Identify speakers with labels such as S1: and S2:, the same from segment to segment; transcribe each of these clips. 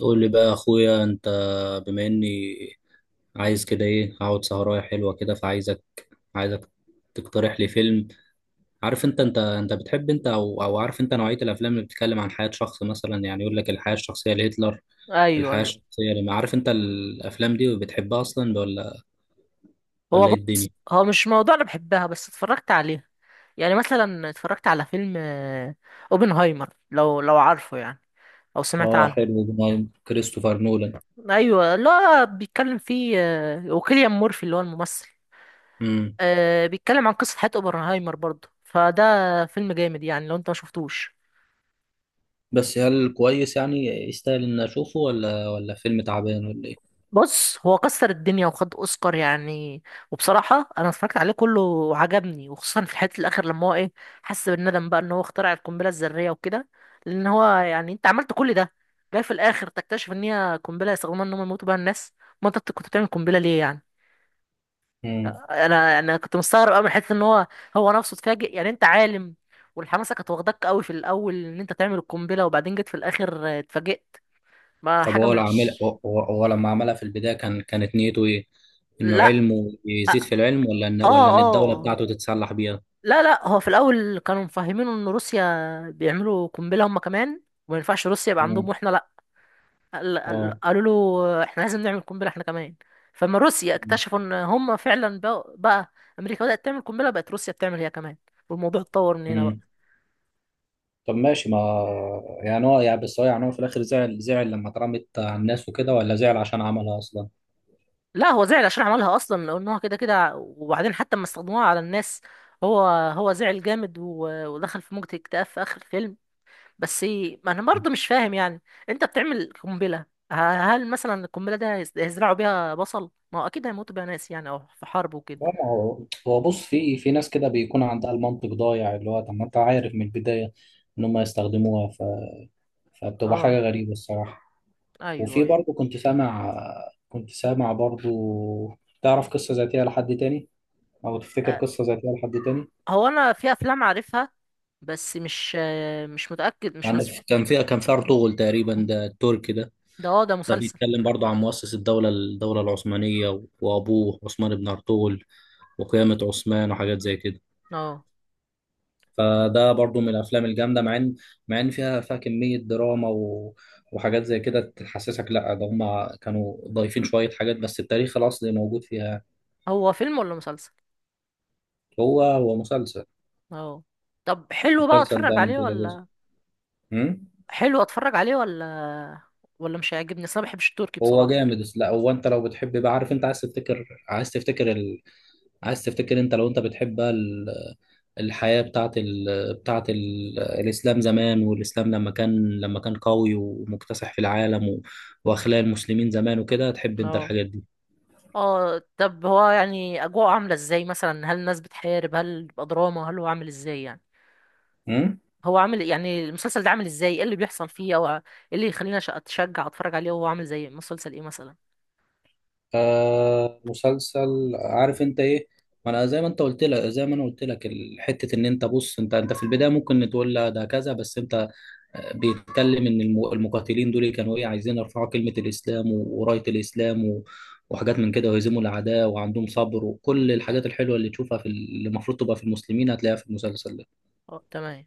S1: قول لي بقى يا اخويا انت، بما اني عايز كده ايه، اقعد سهرايه حلوه كده، فعايزك عايزك تقترح لي فيلم. عارف انت بتحب انت، او عارف انت نوعيه الافلام اللي بتتكلم عن حياه شخص مثلا، يعني يقول لك الحياه الشخصيه لهتلر.
S2: ايوه
S1: الحياه
S2: ايوه.
S1: الشخصيه، لما عارف انت الافلام دي بتحبها اصلا،
S2: هو
S1: ولا ايه
S2: بص،
S1: الدنيا؟
S2: هو مش موضوع انا بحبها، بس اتفرجت عليها. يعني مثلا اتفرجت على فيلم اوبنهايمر، لو عارفه يعني، او سمعت
S1: اه،
S2: عنه.
S1: حلو ده، نعم، كريستوفر نولان.
S2: ايوه، لا بيتكلم فيه وكيليان مورفي اللي هو الممثل.
S1: امم.
S2: بيتكلم عن قصة حياة اوبنهايمر برضه، فده فيلم جامد يعني لو انت ما شفتوش.
S1: بس هل كويس يعني، يستاهل ان اشوفه، ولا فيلم تعبان، ولا
S2: بص، هو كسر الدنيا وخد اوسكار يعني. وبصراحه انا اتفرجت عليه كله وعجبني، وخصوصا في الحته الاخر لما هو ايه حس بالندم بقى ان هو اخترع القنبله الذريه وكده. لان هو يعني انت عملت كل ده، جاي في الاخر تكتشف ان هي قنبله يستخدموها ان هم يموتوا بيها الناس. ما انت كنت بتعمل قنبله ليه يعني؟
S1: ايه؟
S2: انا كنت مستغرب قوي من حته ان هو نفسه اتفاجئ، يعني انت عالم. والحماسه كانت واخداك قوي في الاول ان انت تعمل القنبله، وبعدين جيت في الاخر اتفاجئت. ما
S1: طب
S2: حاجه
S1: هو لو عامل،
S2: مش.
S1: هو لما عملها في البداية، كانت نيته ايه؟ انه
S2: لا.
S1: علمه يزيد في العلم،
S2: اه.
S1: ولا ان الدولة
S2: اه.
S1: بتاعته تتسلح بيها؟
S2: لا لا، هو في الاول كانوا مفهمينه ان روسيا بيعملوا قنبله هم كمان، وما ينفعش روسيا يبقى عندهم
S1: مم.
S2: واحنا لا.
S1: اه.
S2: قالوا له احنا لازم نعمل قنبله احنا كمان. فلما روسيا
S1: مم.
S2: اكتشفوا ان هم فعلا بقى امريكا بدات تعمل قنبله، بقت روسيا بتعمل هي كمان. والموضوع اتطور من هنا بقى.
S1: مم. طب ماشي، ما يعني هو يعني، بس هو يعني، هو في الاخر زعل لما اترمت على الناس وكده، ولا زعل عشان عملها اصلا؟
S2: لا، هو زعل عشان عملها اصلا لان هو كده كده، وبعدين حتى لما استخدموها على الناس هو هو زعل جامد ودخل في موجة اكتئاب في اخر الفيلم. بس ما انا برضه مش فاهم يعني، انت بتعمل قنبله. ه- هل مثلا القنبله ده هيزرعوا بيها بصل؟ ما هو اكيد هيموتوا بيها ناس يعني، او في حرب وكده.
S1: لا، ما هو بص، في ناس كده بيكون عندها المنطق ضايع، اللي هو طب ما انت عارف من البداية ان هم يستخدموها، فبتبقى حاجة
S2: اه.
S1: غريبة الصراحة.
S2: ايوه
S1: وفي
S2: ايوه.
S1: برضه كنت سامع برضه، تعرف قصة ذاتية لحد تاني، أو تفتكر
S2: أه،
S1: قصة ذاتية لحد تاني؟
S2: هو انا في افلام عارفها، بس مش مش متاكد، مش مش.
S1: كان في أرطغرل تقريبا، ده التركي ده.
S2: ده
S1: ده
S2: مسلسل.
S1: بيتكلم برضه عن مؤسس الدولة العثمانية، وأبوه عثمان بن أرطغرل، وقيامة عثمان وحاجات زي كده.
S2: اه،
S1: فده برضه من الأفلام الجامدة، مع إن فيها كمية دراما، وحاجات زي كده، تحسسك لا ده هما كانوا ضايفين شوية حاجات، بس التاريخ الأصلي موجود فيها.
S2: هو فيلم ولا مسلسل؟
S1: هو مسلسل.
S2: اه، طب حلو بقى
S1: المسلسل ده
S2: اتفرج
S1: من
S2: عليه
S1: كذا جزء.
S2: ولا؟
S1: امم.
S2: حلو اتفرج عليه ولا مش هيعجبني اصل انا ما بحبش التركي
S1: هو
S2: بصراحه.
S1: جامد، لا هو انت لو بتحب بقى، عارف انت، عايز تفتكر عايز تفتكر انت، لو انت بتحب بقى الحياة بتاعت الإسلام زمان، والإسلام لما كان قوي ومكتسح في العالم، وأخلاق المسلمين زمان وكده، تحب انت
S2: اه.
S1: الحاجات دي.
S2: اه. طب هو يعني اجواءه عامله ازاي مثلا؟ هل الناس بتحارب؟ هل بيبقى دراما؟ هل هو عامل ازاي يعني؟
S1: أمم؟
S2: هو عامل يعني المسلسل ده عامل ازاي؟ ايه اللي بيحصل فيه، او ايه اللي يخلينا اتشجع اتفرج عليه؟ وهو عامل زي مسلسل ايه مثلا؟
S1: آه، مسلسل عارف انت ايه، ما انا زي ما انا قلت لك، حته ان انت، بص انت في البدايه ممكن تقول لا ده كذا، بس انت بيتكلم ان المقاتلين دول كانوا ايه، عايزين يرفعوا كلمه الاسلام، ورايه الاسلام، وحاجات من كده، ويهزموا الاعداء وعندهم صبر، وكل الحاجات الحلوه اللي تشوفها في اللي المفروض تبقى في المسلمين، هتلاقيها في المسلسل ده.
S2: اه تمام.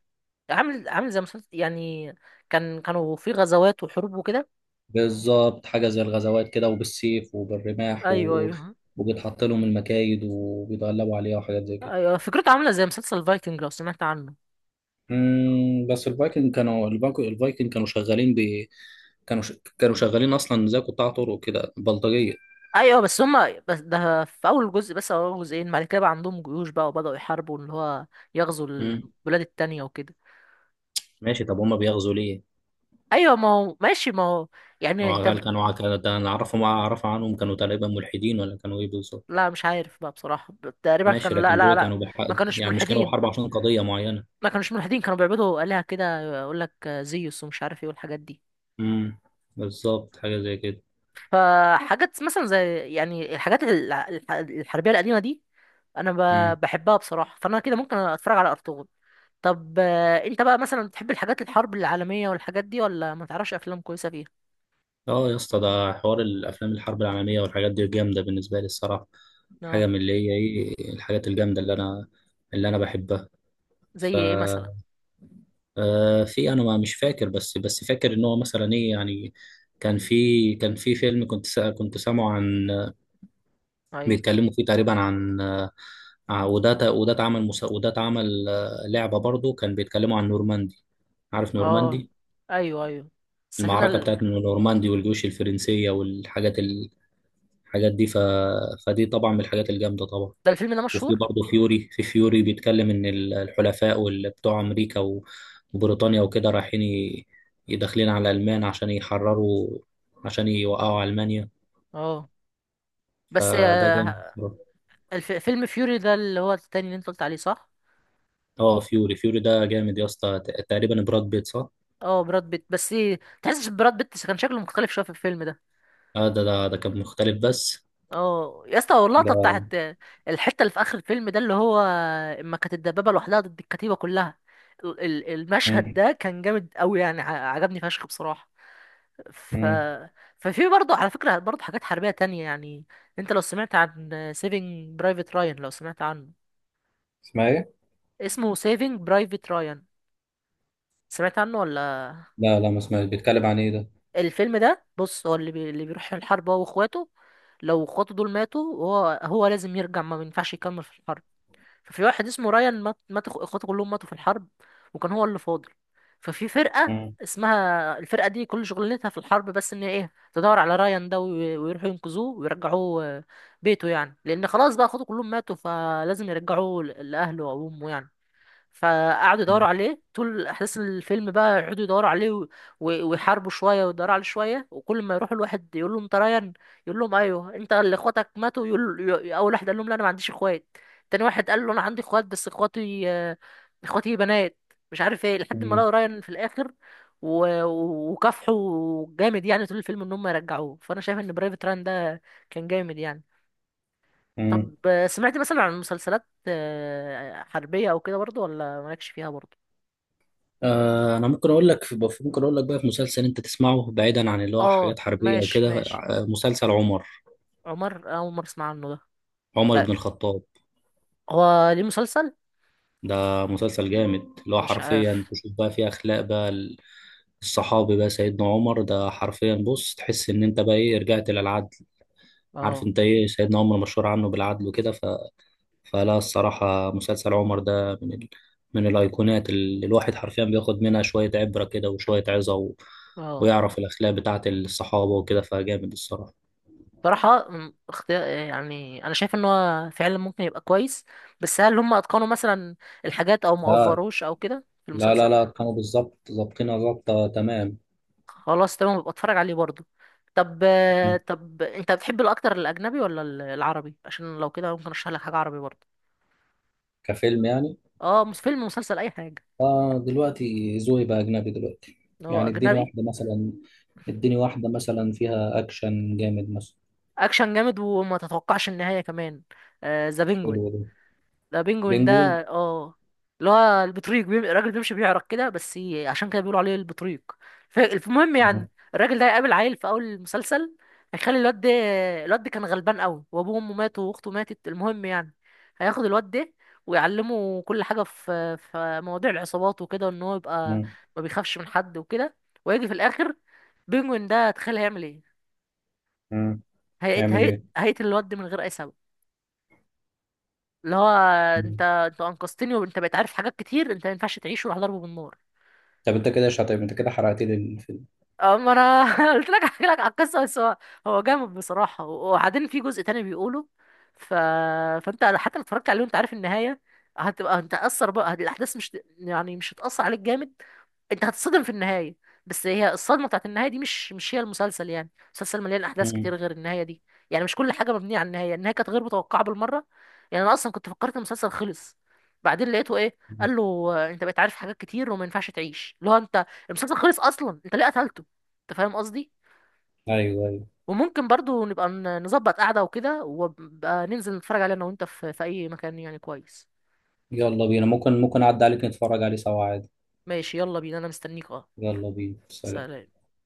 S2: عامل زي مسلسل يعني، كانوا في غزوات وحروب وكده.
S1: بالظبط، حاجه زي الغزوات كده، وبالسيف وبالرماح،
S2: ايوه ايوه.
S1: وبيتحط لهم المكايد وبيتغلبوا عليها، وحاجات زي كده.
S2: ايوه، فكرته عامله زي مسلسل فايكنج، لو سمعت عنه.
S1: مم، بس الفايكنج كانوا شغالين ب كانوا ش... كانوا شغالين اصلا زي قطاع طرق كده، بلطجيه.
S2: ايوه، بس هما بس ده في اول جزء بس او اول جزئين، بعد كده بقى عندهم جيوش بقى وبداوا يحاربوا اللي هو يغزو
S1: مم.
S2: البلاد التانية وكده.
S1: ماشي، طب هما بيغزوا ليه؟
S2: ايوه، ما هو ماشي، ما هو يعني
S1: هو
S2: انت
S1: هل كانوا كان ده انا اعرف عنهم، كانوا تقريبا ملحدين، ولا كانوا ايه بالظبط؟
S2: لا مش عارف بقى بصراحة. تقريبا
S1: ماشي،
S2: كانوا، لا
S1: لكن
S2: لا
S1: دول كانوا
S2: لا، ما كانوش
S1: يعني مش كانوا
S2: ملحدين
S1: بحرب عشان قضيه معينه.
S2: ما كانوش ملحدين كانوا بيعبدوا آلهة كده، يقول لك زيوس ومش عارف ايه والحاجات دي.
S1: امم. بالظبط حاجه زي كده.
S2: فحاجات مثلا زي يعني الحاجات الحربية القديمة دي، انا
S1: امم.
S2: بحبها بصراحة، فانا كده ممكن اتفرج على ارطغرل. طب انت بقى مثلا بتحب الحاجات الحرب العالمية والحاجات دي، ولا ما تعرفش افلام كويسة فيها؟
S1: اه يا اسطى، ده حوار، الافلام الحرب العالميه والحاجات دي جامده بالنسبه لي الصراحه، حاجه
S2: اه.
S1: من اللي هي ايه، الحاجات الجامده اللي انا بحبها.
S2: زي
S1: ف
S2: ايه مثلا؟
S1: في انا ما مش فاكر، بس فاكر ان هو مثلا ايه يعني، كان في فيلم، كنت سامعه عن،
S2: ايوه.
S1: بيتكلموا فيه تقريبا عن وده اتعمل لعبة برضه، كان بيتكلموا عن نورماندي. عارف
S2: اه.
S1: نورماندي.
S2: ايوه ايوه. السفينة
S1: المعركة بتاعت نورماندي، والجيوش الفرنسية، الحاجات دي، فدي طبعا من الحاجات الجامدة طبعا.
S2: ده الفيلم ده
S1: وفي
S2: مشهور.
S1: برضه في فيوري بيتكلم ان الحلفاء وبتوع امريكا، وبريطانيا وكده، رايحين يدخلين على المان عشان يحرروا عشان يوقعوا المانيا.
S2: اه، بس
S1: فده جامد بصراحة.
S2: فيلم فيوري ده اللي هو التاني اللي انت قلت عليه، صح؟
S1: اه، فيوري ده جامد يا اسطى، تقريبا براد بيت، صح؟
S2: اه، براد بيت، بس تحسش براد بيت كان شكله مختلف شويه في الفيلم ده.
S1: اه، ده كان مختلف، بس
S2: اه يا اسطى، اللقطه
S1: ده.
S2: بتاعت الحته اللي في اخر الفيلم ده، اللي هو اما كانت الدبابه لوحدها ضد الكتيبه كلها، المشهد
S1: مم.
S2: ده كان جامد قوي يعني، عجبني فشخ بصراحه. ف
S1: مم.
S2: ففي برضه على فكره برضه حاجات حربيه تانية يعني، انت لو سمعت عن سيفينج برايفت رايان، لو سمعت عنه.
S1: اسمها ايه؟
S2: اسمه سيفينج برايفت رايان، سمعت عنه ولا؟
S1: لا، لا، ما اسمعش، بيتكلم عن ايه ده؟
S2: الفيلم ده بص، هو اللي بيروح الحرب هو واخواته، لو اخواته دول ماتوا هو لازم يرجع، ما ينفعش يكمل في الحرب. ففي واحد اسمه رايان، اخواته كلهم ماتوا في الحرب، وكان هو اللي فاضل. ففي فرقة
S1: مم.
S2: اسمها، الفرقة دي كل شغلتها في الحرب بس ان ايه تدور على رايان ده ويروحوا ينقذوه ويرجعوه بيته يعني، لان خلاص بقى اخواته كلهم ماتوا فلازم يرجعوه لأهله وأمه يعني. فقعدوا يدوروا عليه طول احداث الفيلم بقى، يقعدوا يدوروا عليه ويحاربوا شويه ويدوروا عليه شويه، وكل ما يروحوا الواحد يقول لهم انت ريان، يقول لهم ايوه انت اللي اخواتك ماتوا، يقول اول واحد قال لهم لا انا ما عنديش اخوات، تاني واحد قال له انا عندي اخوات بس اخواتي اخواتي بنات مش عارف ايه، لحد ما
S1: مم.
S2: لقوا ريان في الاخر. وكافحوا جامد يعني طول الفيلم ان هم يرجعوه، فانا شايف ان برايفت ران ده كان جامد يعني.
S1: مم.
S2: طب سمعت مثلا عن مسلسلات حربية او كده برضو، ولا مالكش فيها برضو؟
S1: انا ممكن اقول لك بقى، في مسلسل انت تسمعه بعيدا عن اللي هو
S2: اه
S1: حاجات حربيه
S2: ماشي
S1: وكده،
S2: ماشي.
S1: مسلسل عمر.
S2: عمر اول مرة اسمع عنه ده.
S1: عمر
S2: طيب،
S1: بن الخطاب.
S2: هو ليه مسلسل؟
S1: ده مسلسل جامد، اللي هو
S2: مش
S1: حرفيا
S2: عارف.
S1: تشوف بقى فيه اخلاق بقى، الصحابي بقى سيدنا عمر ده، حرفيا بص، تحس ان انت بقى ايه، رجعت للعدل. عارف
S2: اه.
S1: انت ايه، سيدنا عمر مشهور عنه بالعدل وكده، فلا الصراحه، مسلسل عمر ده من من الايقونات، اللي الواحد حرفيا بياخد منها شويه عبره كده وشويه عظه،
S2: اه.
S1: ويعرف الاخلاق بتاعت الصحابه وكده، فجامد الصراحه.
S2: بصراحة، اختيار يعني، انا شايف ان هو فعلا ممكن يبقى كويس، بس هل هم اتقنوا مثلا الحاجات او ما
S1: لا،
S2: اوفروش او كده في
S1: لا، لا،
S2: المسلسل؟
S1: لا، كانوا بالظبط ظابطينها، ظابطة تمام.
S2: خلاص تمام، ببقى اتفرج عليه برضه.
S1: مم.
S2: طب انت بتحب الاكتر الاجنبي ولا العربي؟ عشان لو كده ممكن ارشح لك حاجة عربي برضه.
S1: كفيلم يعني.
S2: اه، فيلم، مسلسل، اي حاجة.
S1: فدلوقتي ذوقي بقى أجنبي دلوقتي.
S2: هو
S1: يعني
S2: اجنبي،
S1: اديني واحدة مثلا فيها أكشن جامد مثلا.
S2: اكشن جامد وما تتوقعش النهاية كمان، ذا بينجوين.
S1: حلو ده.
S2: ده بينجوين ده.
S1: بينجوين.
S2: اه، اللي هو البطريق الراجل بيمشي بيعرق كده، بس عشان كده بيقولوا عليه البطريق. المهم
S1: مم.
S2: يعني الراجل ده هيقابل عيل في اول المسلسل، هيخلي الواد ده، الواد ده كان غلبان قوي وابوه وامه ماتوا واخته ماتت، المهم يعني هياخد الواد ده ويعلمه كل حاجه في مواضيع العصابات وكده، ان هو يبقى
S1: مم.
S2: ما بيخافش من حد وكده. ويجي في الاخر بينجوين ده تخيل هيعمل ايه؟
S1: مم. يعمل إيه؟
S2: هيقتل الواد ده من غير اي سبب، اللي هو انت
S1: مم.
S2: انت انقذتني وانت بقيت عارف حاجات كتير، انت ما ينفعش تعيش، وراح ضربه بالنار.
S1: طب أنت كده شاطر، أنت كده حرقت لي الفيلم.
S2: اما انا قلت لك احكي لك على القصه، بس هو جامد بصراحه، وبعدين في جزء تاني بيقوله. ف... فانت حتى لو اتفرجت عليه وانت عارف النهايه، هتبقى انت اثر بقى الاحداث، مش يعني مش هتاثر عليك جامد، انت هتتصدم في النهايه. بس هي الصدمه بتاعت النهايه دي مش هي المسلسل يعني، المسلسل مليان احداث
S1: مم.
S2: كتير غير النهايه دي. يعني مش كل حاجه مبنيه على النهايه، النهايه كانت غير متوقعه بالمره، يعني انا اصلا كنت فكرت المسلسل خلص. بعدين لقيته ايه
S1: مم.
S2: قال له انت بقيت عارف حاجات كتير وما ينفعش تعيش، اللي هو انت المسلسل خلص اصلا، انت ليه قتلته؟ انت فاهم قصدي؟
S1: أيوه، أيوه.
S2: وممكن برضو نبقى نظبط قعده وكده، وبقى ننزل نتفرج عليه انا وانت في اي مكان يعني كويس.
S1: يلا بينا، ممكن أعدي عليك نتفرج عليه سوا عادي.
S2: ماشي يلا بينا، انا مستنيك. اه.
S1: يلا بينا، سلام.
S2: سلام.